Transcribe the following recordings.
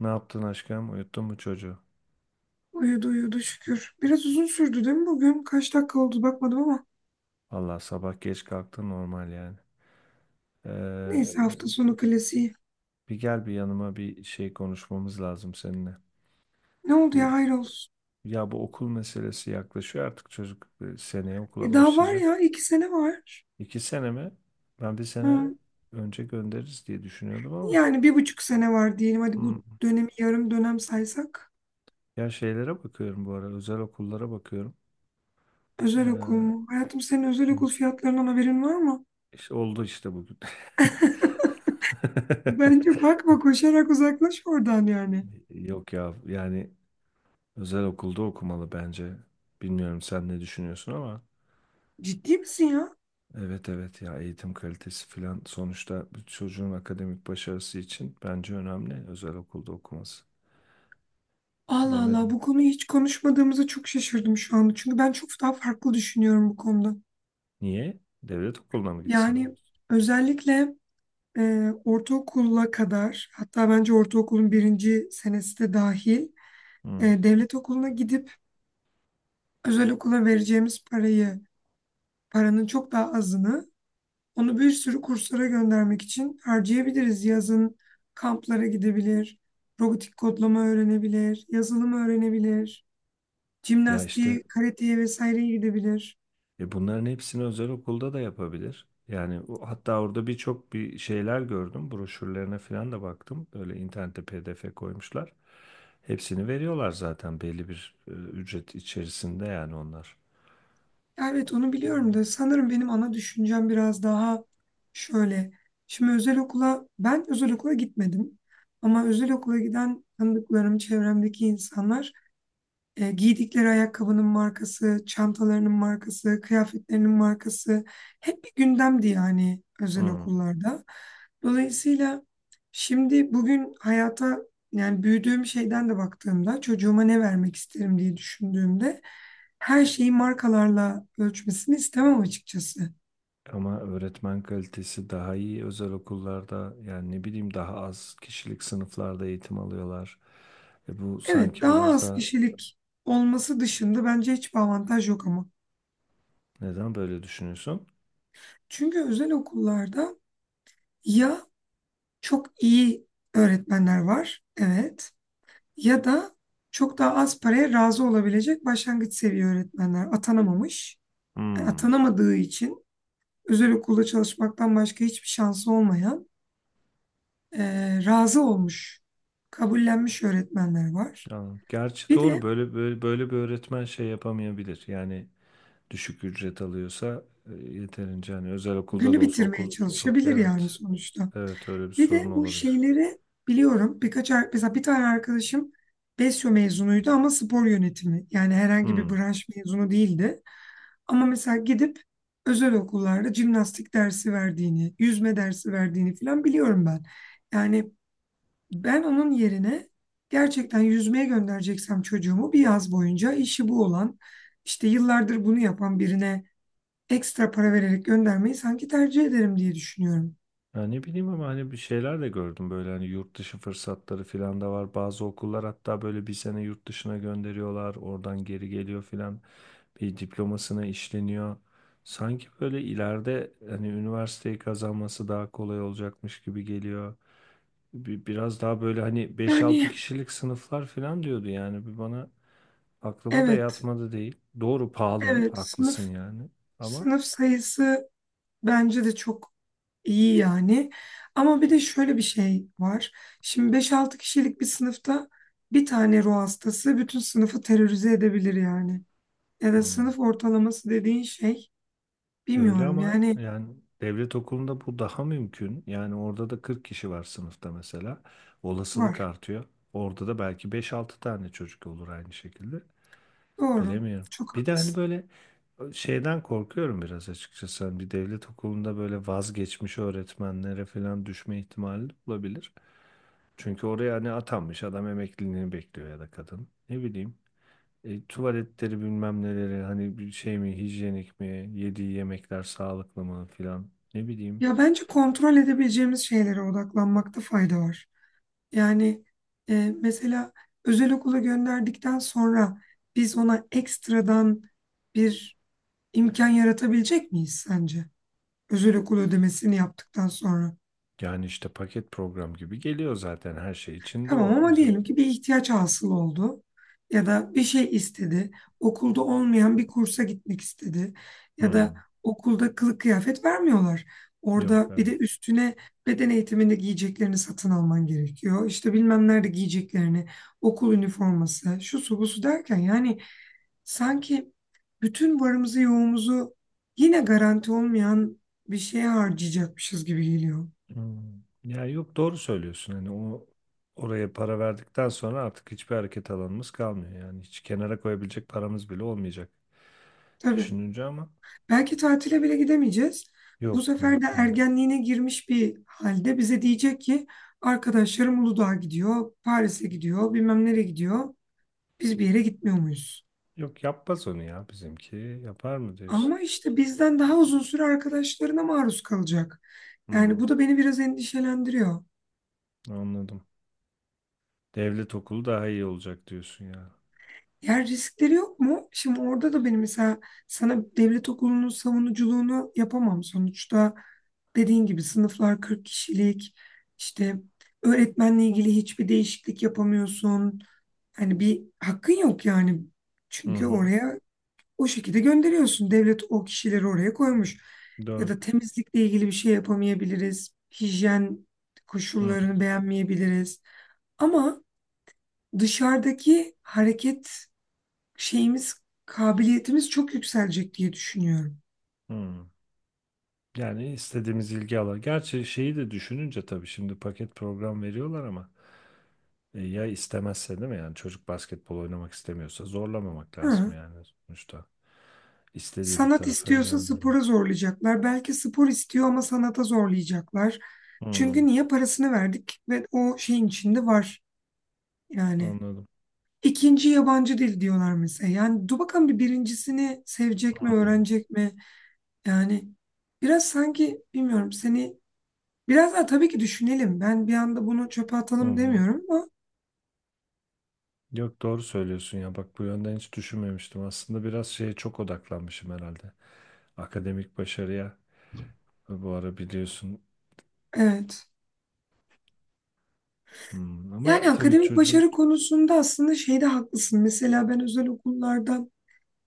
Ne yaptın aşkım? Uyuttun mu çocuğu? Uyudu uyudu şükür. Biraz uzun sürdü değil mi bugün? Kaç dakika oldu bakmadım ama. Allah sabah geç kalktın normal yani. Neyse hafta Ee, sonu klasiği. Bir gel bir yanıma, bir şey konuşmamız lazım seninle. Ne oldu ya Bu hayrolsun. Ya bu okul meselesi yaklaşıyor, artık çocuk seneye okula E daha var başlayacak. ya 2 sene var. İki sene mi? Ben bir sene Hı, önce göndeririz diye düşünüyordum ama. Yani 1,5 sene var diyelim. Hadi bu Hmm. dönemi yarım dönem saysak. Ya şeylere bakıyorum bu ara, özel okullara bakıyorum. Ee, Özel okul hı, mu? Hayatım senin özel okul fiyatlarından haberin var mı? işte oldu işte bugün. Bence bakma koşarak uzaklaş oradan yani. Yok ya, yani özel okulda okumalı bence. Bilmiyorum sen ne düşünüyorsun ama. Ciddi misin ya? Evet, evet, ya eğitim kalitesi filan, sonuçta bir çocuğun akademik başarısı için bence önemli özel okulda okuması. Allah Allah Bilemedim. bu konuyu hiç konuşmadığımıza çok şaşırdım şu anda. Çünkü ben çok daha farklı düşünüyorum bu konuda. Niye? Devlet okuluna mı gitsin? Yani özellikle ortaokula kadar hatta bence ortaokulun birinci senesi de dahil Hı. devlet okuluna gidip özel okula vereceğimiz parayı paranın çok daha azını onu bir sürü kurslara göndermek için harcayabiliriz. Yazın kamplara gidebilir, robotik kodlama öğrenebilir, yazılım öğrenebilir, Ya işte jimnastiğe, karateye vesaireye gidebilir. Bunların hepsini özel okulda da yapabilir. Yani o- hatta orada birçok bir şeyler gördüm. Broşürlerine falan da baktım. Böyle internette PDF koymuşlar. Hepsini veriyorlar zaten belli bir ücret içerisinde yani onlar. Ya evet, onu biliyorum da sanırım benim ana düşüncem biraz daha şöyle. Şimdi özel okula ben özel okula gitmedim ama özel okula giden tanıdıklarım, çevremdeki insanlar giydikleri ayakkabının markası, çantalarının markası, kıyafetlerinin markası hep bir gündemdi yani özel Hı. okullarda. Dolayısıyla şimdi bugün hayata yani büyüdüğüm şeyden de baktığımda çocuğuma ne vermek isterim diye düşündüğümde her şeyi markalarla ölçmesini istemem açıkçası. Ama öğretmen kalitesi daha iyi özel okullarda, yani ne bileyim, daha az kişilik sınıflarda eğitim alıyorlar. E bu Evet sanki daha biraz az da, kişilik olması dışında bence hiçbir avantaj yok ama. neden böyle düşünüyorsun? Çünkü özel okullarda ya çok iyi öğretmenler var. Evet. Ya da çok daha az paraya razı olabilecek başlangıç seviye öğretmenler atanamamış. Hmm. Atanamadığı için özel okulda çalışmaktan başka hiçbir şansı olmayan razı olmuş, kabullenmiş öğretmenler var. Anladım. Gerçi Bir doğru, de böyle, böyle bir öğretmen şey yapamayabilir. Yani düşük ücret alıyorsa yeterince, hani özel okulda günü da olsa bitirmeye okul, çok çalışabilir yani evet, sonuçta. evet, öyle bir Bir de sorun bu olabilir. şeyleri biliyorum. Mesela bir tane arkadaşım Besyo mezunuydu ama spor yönetimi. Yani herhangi bir Hmm. branş mezunu değildi. Ama mesela gidip özel okullarda jimnastik dersi verdiğini, yüzme dersi verdiğini falan biliyorum ben. Yani ben onun yerine gerçekten yüzmeye göndereceksem çocuğumu bir yaz boyunca işi bu olan, işte yıllardır bunu yapan birine ekstra para vererek göndermeyi sanki tercih ederim diye düşünüyorum. Ya ne bileyim, ama hani bir şeyler de gördüm böyle, hani yurt dışı fırsatları filan da var. Bazı okullar hatta böyle bir sene yurt dışına gönderiyorlar. Oradan geri geliyor filan. Bir diplomasına işleniyor. Sanki böyle ileride hani üniversiteyi kazanması daha kolay olacakmış gibi geliyor. Biraz daha böyle, hani beş altı Yani kişilik sınıflar filan diyordu yani. Bir bana aklıma da evet, yatmadı değil. Doğru, pahalı, evet haklısın sınıf yani. Ama sınıf sayısı bence de çok İyi yani. Ama bir de şöyle bir şey var. Şimdi 5-6 kişilik bir sınıfta bir tane ruh hastası bütün sınıfı terörize edebilir yani. Ya da hmm. sınıf ortalaması dediğin şey Öyle bilmiyorum ama yani yani devlet okulunda bu daha mümkün. Yani orada da 40 kişi var sınıfta mesela. Olasılık var. artıyor. Orada da belki beş altı tane çocuk olur aynı şekilde. Doğru. Bilemiyorum. Çok Bir de hani haklısın. böyle şeyden korkuyorum biraz açıkçası. Hani bir devlet okulunda böyle vazgeçmiş öğretmenlere falan düşme ihtimali olabilir. Çünkü oraya hani atanmış adam emekliliğini bekliyor ya da kadın. Ne bileyim. Tuvaletleri bilmem neleri, hani bir şey mi, hijyenik mi, yediği yemekler sağlıklı mı filan, ne bileyim. Ya bence kontrol edebileceğimiz şeylere odaklanmakta fayda var. Yani mesela özel okula gönderdikten sonra biz ona ekstradan bir imkan yaratabilecek miyiz sence? Özel okul ödemesini yaptıktan sonra. Yani işte paket program gibi geliyor zaten her şey içinde Tamam o. ama diyelim ki bir ihtiyaç hasıl oldu ya da bir şey istedi. Okulda olmayan bir kursa gitmek istedi ya da Hmm. okulda kılık kıyafet vermiyorlar. Yok, Orada bir evet. de üstüne beden eğitiminde giyeceklerini satın alman gerekiyor. İşte bilmem nerede giyeceklerini, okul üniforması, şu su bu su derken yani sanki bütün varımızı yoğumuzu yine garanti olmayan bir şeye harcayacakmışız gibi geliyor. Hmm. Ya yok, doğru söylüyorsun, hani oraya para verdikten sonra artık hiçbir hareket alanımız kalmıyor, yani hiç kenara koyabilecek paramız bile olmayacak Tabii. düşününce, ama Belki tatile bile gidemeyeceğiz. Bu yok, sefer de mümkün değil. ergenliğine girmiş bir halde bize diyecek ki arkadaşlarım Uludağ'a gidiyor, Paris'e gidiyor, bilmem nereye gidiyor. Biz bir yere gitmiyor muyuz? Yok yapmaz onu ya bizimki, yapar mı diyorsun? Ama işte bizden daha uzun süre arkadaşlarına maruz kalacak. Yani Hmm. bu da beni biraz endişelendiriyor. Anladım. Devlet okulu daha iyi olacak diyorsun ya. Yer riskleri yok mu? Şimdi orada da benim mesela sana devlet okulunun savunuculuğunu yapamam sonuçta. Dediğin gibi sınıflar 40 kişilik. İşte öğretmenle ilgili hiçbir değişiklik yapamıyorsun. Hani bir hakkın yok yani. Hı Çünkü hı. oraya o şekilde gönderiyorsun. Devlet o kişileri oraya koymuş. Ya Doğru. da temizlikle ilgili bir şey yapamayabiliriz. Hijyen Hı koşullarını beğenmeyebiliriz. Ama dışarıdaki hareket şeyimiz, kabiliyetimiz çok yükselecek diye düşünüyorum. hı. Yani istediğimiz ilgi alan. Gerçi şeyi de düşününce tabii, şimdi paket program veriyorlar ama ya istemezse değil mi? Yani çocuk basketbol oynamak istemiyorsa zorlamamak lazım Ha. yani sonuçta. İstediği bir Sanat tarafa istiyorsa spora yönlendirmek. zorlayacaklar. Belki spor istiyor ama sanata zorlayacaklar. Hı. Çünkü niye parasını verdik ve o şeyin içinde var yani. Anladım. İkinci yabancı dil diyorlar mesela. Yani dur bakalım bir birincisini Hı sevecek mi, hı. öğrenecek mi? Yani biraz sanki bilmiyorum seni biraz daha tabii ki düşünelim. Ben bir anda bunu çöpe Hı atalım hı. demiyorum ama Yok doğru söylüyorsun ya. Bak bu yönden hiç düşünmemiştim. Aslında biraz şeye çok odaklanmışım herhalde. Akademik başarıya. Bu ara biliyorsun. evet. Hmm, ama Yani tabii akademik çocuğun, başarı konusunda aslında şeyde haklısın. Mesela ben özel okullarda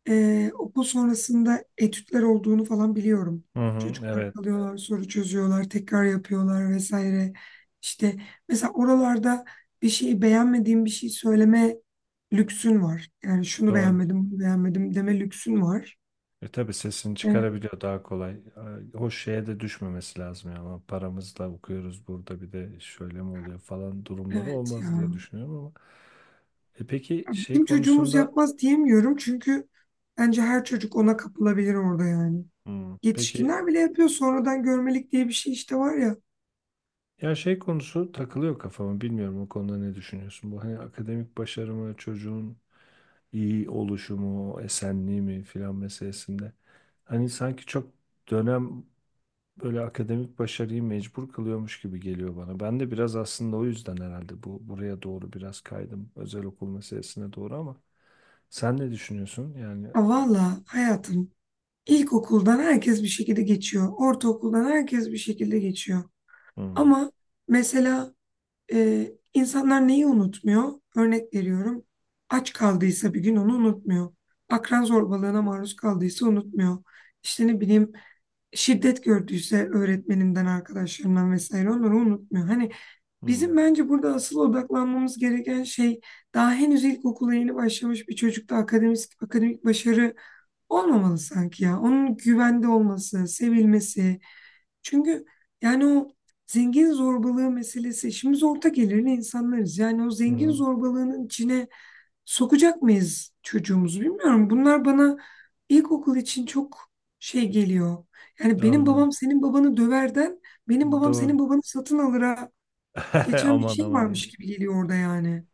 okul sonrasında etütler olduğunu falan biliyorum. hı hı, Çocuklar evet, kalıyorlar, soru çözüyorlar, tekrar yapıyorlar vesaire. İşte mesela oralarda bir şeyi beğenmediğim bir şey söyleme lüksün var. Yani şunu doğru. beğenmedim, bunu beğenmedim deme lüksün var. E tabii sesini Evet, çıkarabiliyor daha kolay. O şeye de düşmemesi lazım ya. Ama paramızla okuyoruz burada, bir de şöyle mi oluyor falan durumları evet ya. olmaz diye düşünüyorum ama. E peki şey Bizim çocuğumuz konusunda, yapmaz diyemiyorum çünkü bence her çocuk ona kapılabilir orada yani. hmm, peki, Yetişkinler bile yapıyor. Sonradan görmelik diye bir şey işte var ya. ya şey konusu takılıyor kafama, bilmiyorum o konuda ne düşünüyorsun? Bu hani akademik başarı mı, çocuğun iyi oluşumu, esenliği mi filan meselesinde. Hani sanki çok dönem böyle akademik başarıyı mecbur kılıyormuş gibi geliyor bana. Ben de biraz aslında o yüzden herhalde buraya doğru biraz kaydım, özel okul meselesine doğru, ama sen ne düşünüyorsun? Yani Ya valla hayatım ilkokuldan herkes bir şekilde geçiyor. Ortaokuldan herkes bir şekilde geçiyor. hmm, Ama mesela insanlar neyi unutmuyor? Örnek veriyorum. Aç kaldıysa bir gün onu unutmuyor. Akran zorbalığına maruz kaldıysa unutmuyor. İşte ne bileyim şiddet gördüyse öğretmeninden, arkadaşlarından vesaire onları unutmuyor. Hani bizim hmm, bence burada asıl odaklanmamız gereken şey daha henüz ilkokula yeni başlamış bir çocukta akademik başarı olmamalı sanki ya. Onun güvende olması, sevilmesi. Çünkü yani o zengin zorbalığı meselesi. İşimiz orta gelirli insanlarız. Yani o zengin hmm, zorbalığının içine sokacak mıyız çocuğumuzu bilmiyorum. Bunlar bana ilkokul için çok şey geliyor. Yani benim anladım. babam senin babanı döverden benim babam senin Doğru. babanı satın alıra geçen bir Aman şey aman ya. varmış gibi geliyor orada yani.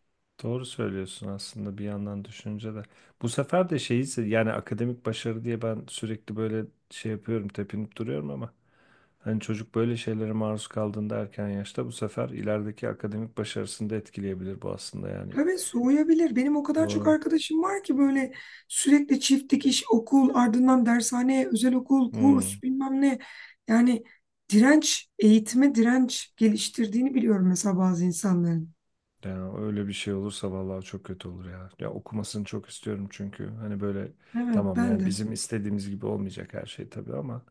Doğru söylüyorsun aslında bir yandan düşünce de. Bu sefer de şeyi se- yani akademik başarı diye ben sürekli böyle şey yapıyorum, tepinip duruyorum ama hani çocuk böyle şeylere maruz kaldığında erken yaşta, bu sefer ilerideki akademik başarısını da etkileyebilir bu aslında yani. Tabii soğuyabilir. Benim o kadar çok Doğru. arkadaşım var ki böyle sürekli çift dikiş, okul, ardından dershane, özel okul, kurs Hmm. bilmem ne. Yani direnç, eğitime direnç geliştirdiğini biliyorum mesela bazı insanların. Yani öyle bir şey olursa vallahi çok kötü olur ya. Ya okumasını çok istiyorum, çünkü hani böyle, Evet, tamam ben yani de. bizim istediğimiz gibi olmayacak her şey tabii ama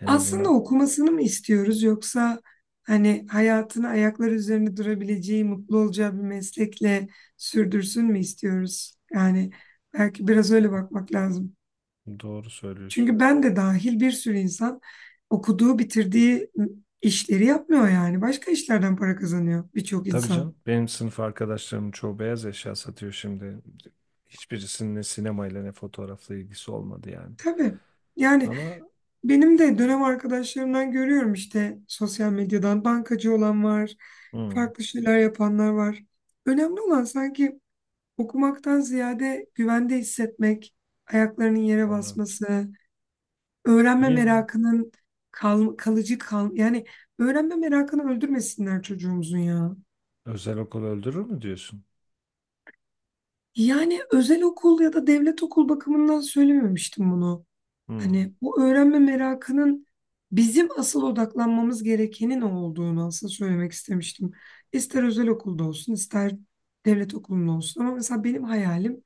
en Aslında azından, okumasını mı istiyoruz yoksa hani hayatını ayakları üzerinde durabileceği, mutlu olacağı bir meslekle sürdürsün mü istiyoruz? Yani belki biraz öyle bakmak lazım. doğru söylüyorsun. Çünkü ben de dahil bir sürü insan okuduğu, bitirdiği işleri yapmıyor yani. Başka işlerden para kazanıyor birçok Tabii insan. canım, benim sınıf arkadaşlarımın çoğu beyaz eşya satıyor şimdi. Hiçbirisinin ne sinemayla ne fotoğrafla ilgisi olmadı yani. Tabii. Yani Ama benim de dönem arkadaşlarımdan görüyorum işte sosyal medyadan bankacı olan var, hmm. farklı şeyler yapanlar var. Önemli olan sanki okumaktan ziyade güvende hissetmek, ayaklarının yere Anladım. basması, öğrenme İyi. merakının kalıcı kal yani öğrenme merakını öldürmesinler çocuğumuzun ya. Özel okul öldürür mü diyorsun? Yani özel okul ya da devlet okul bakımından söylememiştim bunu. Hmm. Hani bu öğrenme merakının bizim asıl odaklanmamız gerekenin o olduğunu aslında söylemek istemiştim. İster özel okulda olsun, ister devlet okulunda olsun. Ama mesela benim hayalim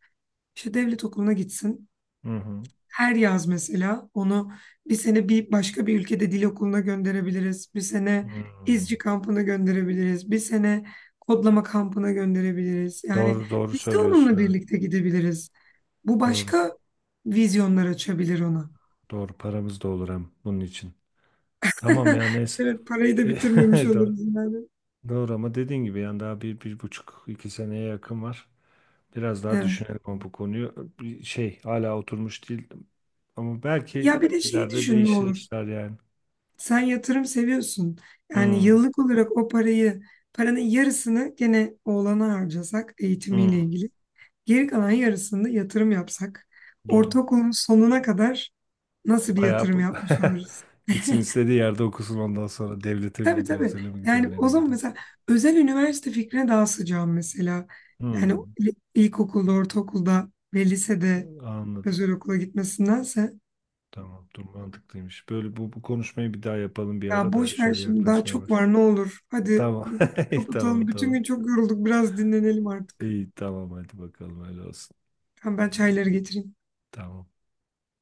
işte devlet okuluna gitsin. Hı hı. Her yaz mesela onu bir sene bir başka bir ülkede dil okuluna gönderebiliriz. Bir sene Hmm. izci kampına gönderebiliriz. Bir sene kodlama kampına gönderebiliriz. Yani Doğru, doğru biz de söylüyorsun, onunla evet. birlikte gidebiliriz. Bu Doğru. başka vizyonlar açabilir ona. Doğru, paramız da olur hem bunun için. Tamam ya, neyse. Evet, parayı da bitirmemiş Do- oluruz yani. doğru, ama dediğin gibi yani daha bir buçuk iki seneye yakın var. Biraz daha Evet. düşünelim ama bu konuyu. Bir şey hala oturmuş değil, ama Ya belki bir de şeyi ileride düşün ne değişir olur. işler yani. Sen yatırım seviyorsun. Yani Hmm, yıllık olarak o parayı, paranın yarısını gene oğlana harcasak eğitimiyle hmm, ilgili. Geri kalan yarısında yatırım yapsak, doğru. ortaokulun sonuna kadar nasıl bir Bayağı yatırım bu- yapmış oluruz? gitsin istediği yerde okusun, ondan sonra devlete mi Tabii gidiyor, tabii. özele mi gidiyor, Yani o nereye zaman gidiyor? mesela özel üniversite fikrine daha sıcağım mesela. Yani Hmm, ilkokulda, ortaokulda ve lisede anladım. özel okula gitmesindense Tamam, dur mantıklıymış. Böyle bu konuşmayı bir daha yapalım bir ya ara da, boş ver şöyle şimdi daha yaklaşmaya çok baş. var ne olur. Hadi Tamam. bu konuyu Tamam, kapatalım. Bütün tamam. gün çok yorulduk. Biraz dinlenelim artık. İyi, tamam, hadi bakalım öyle olsun. Tamam ben çayları getireyim. Tamam.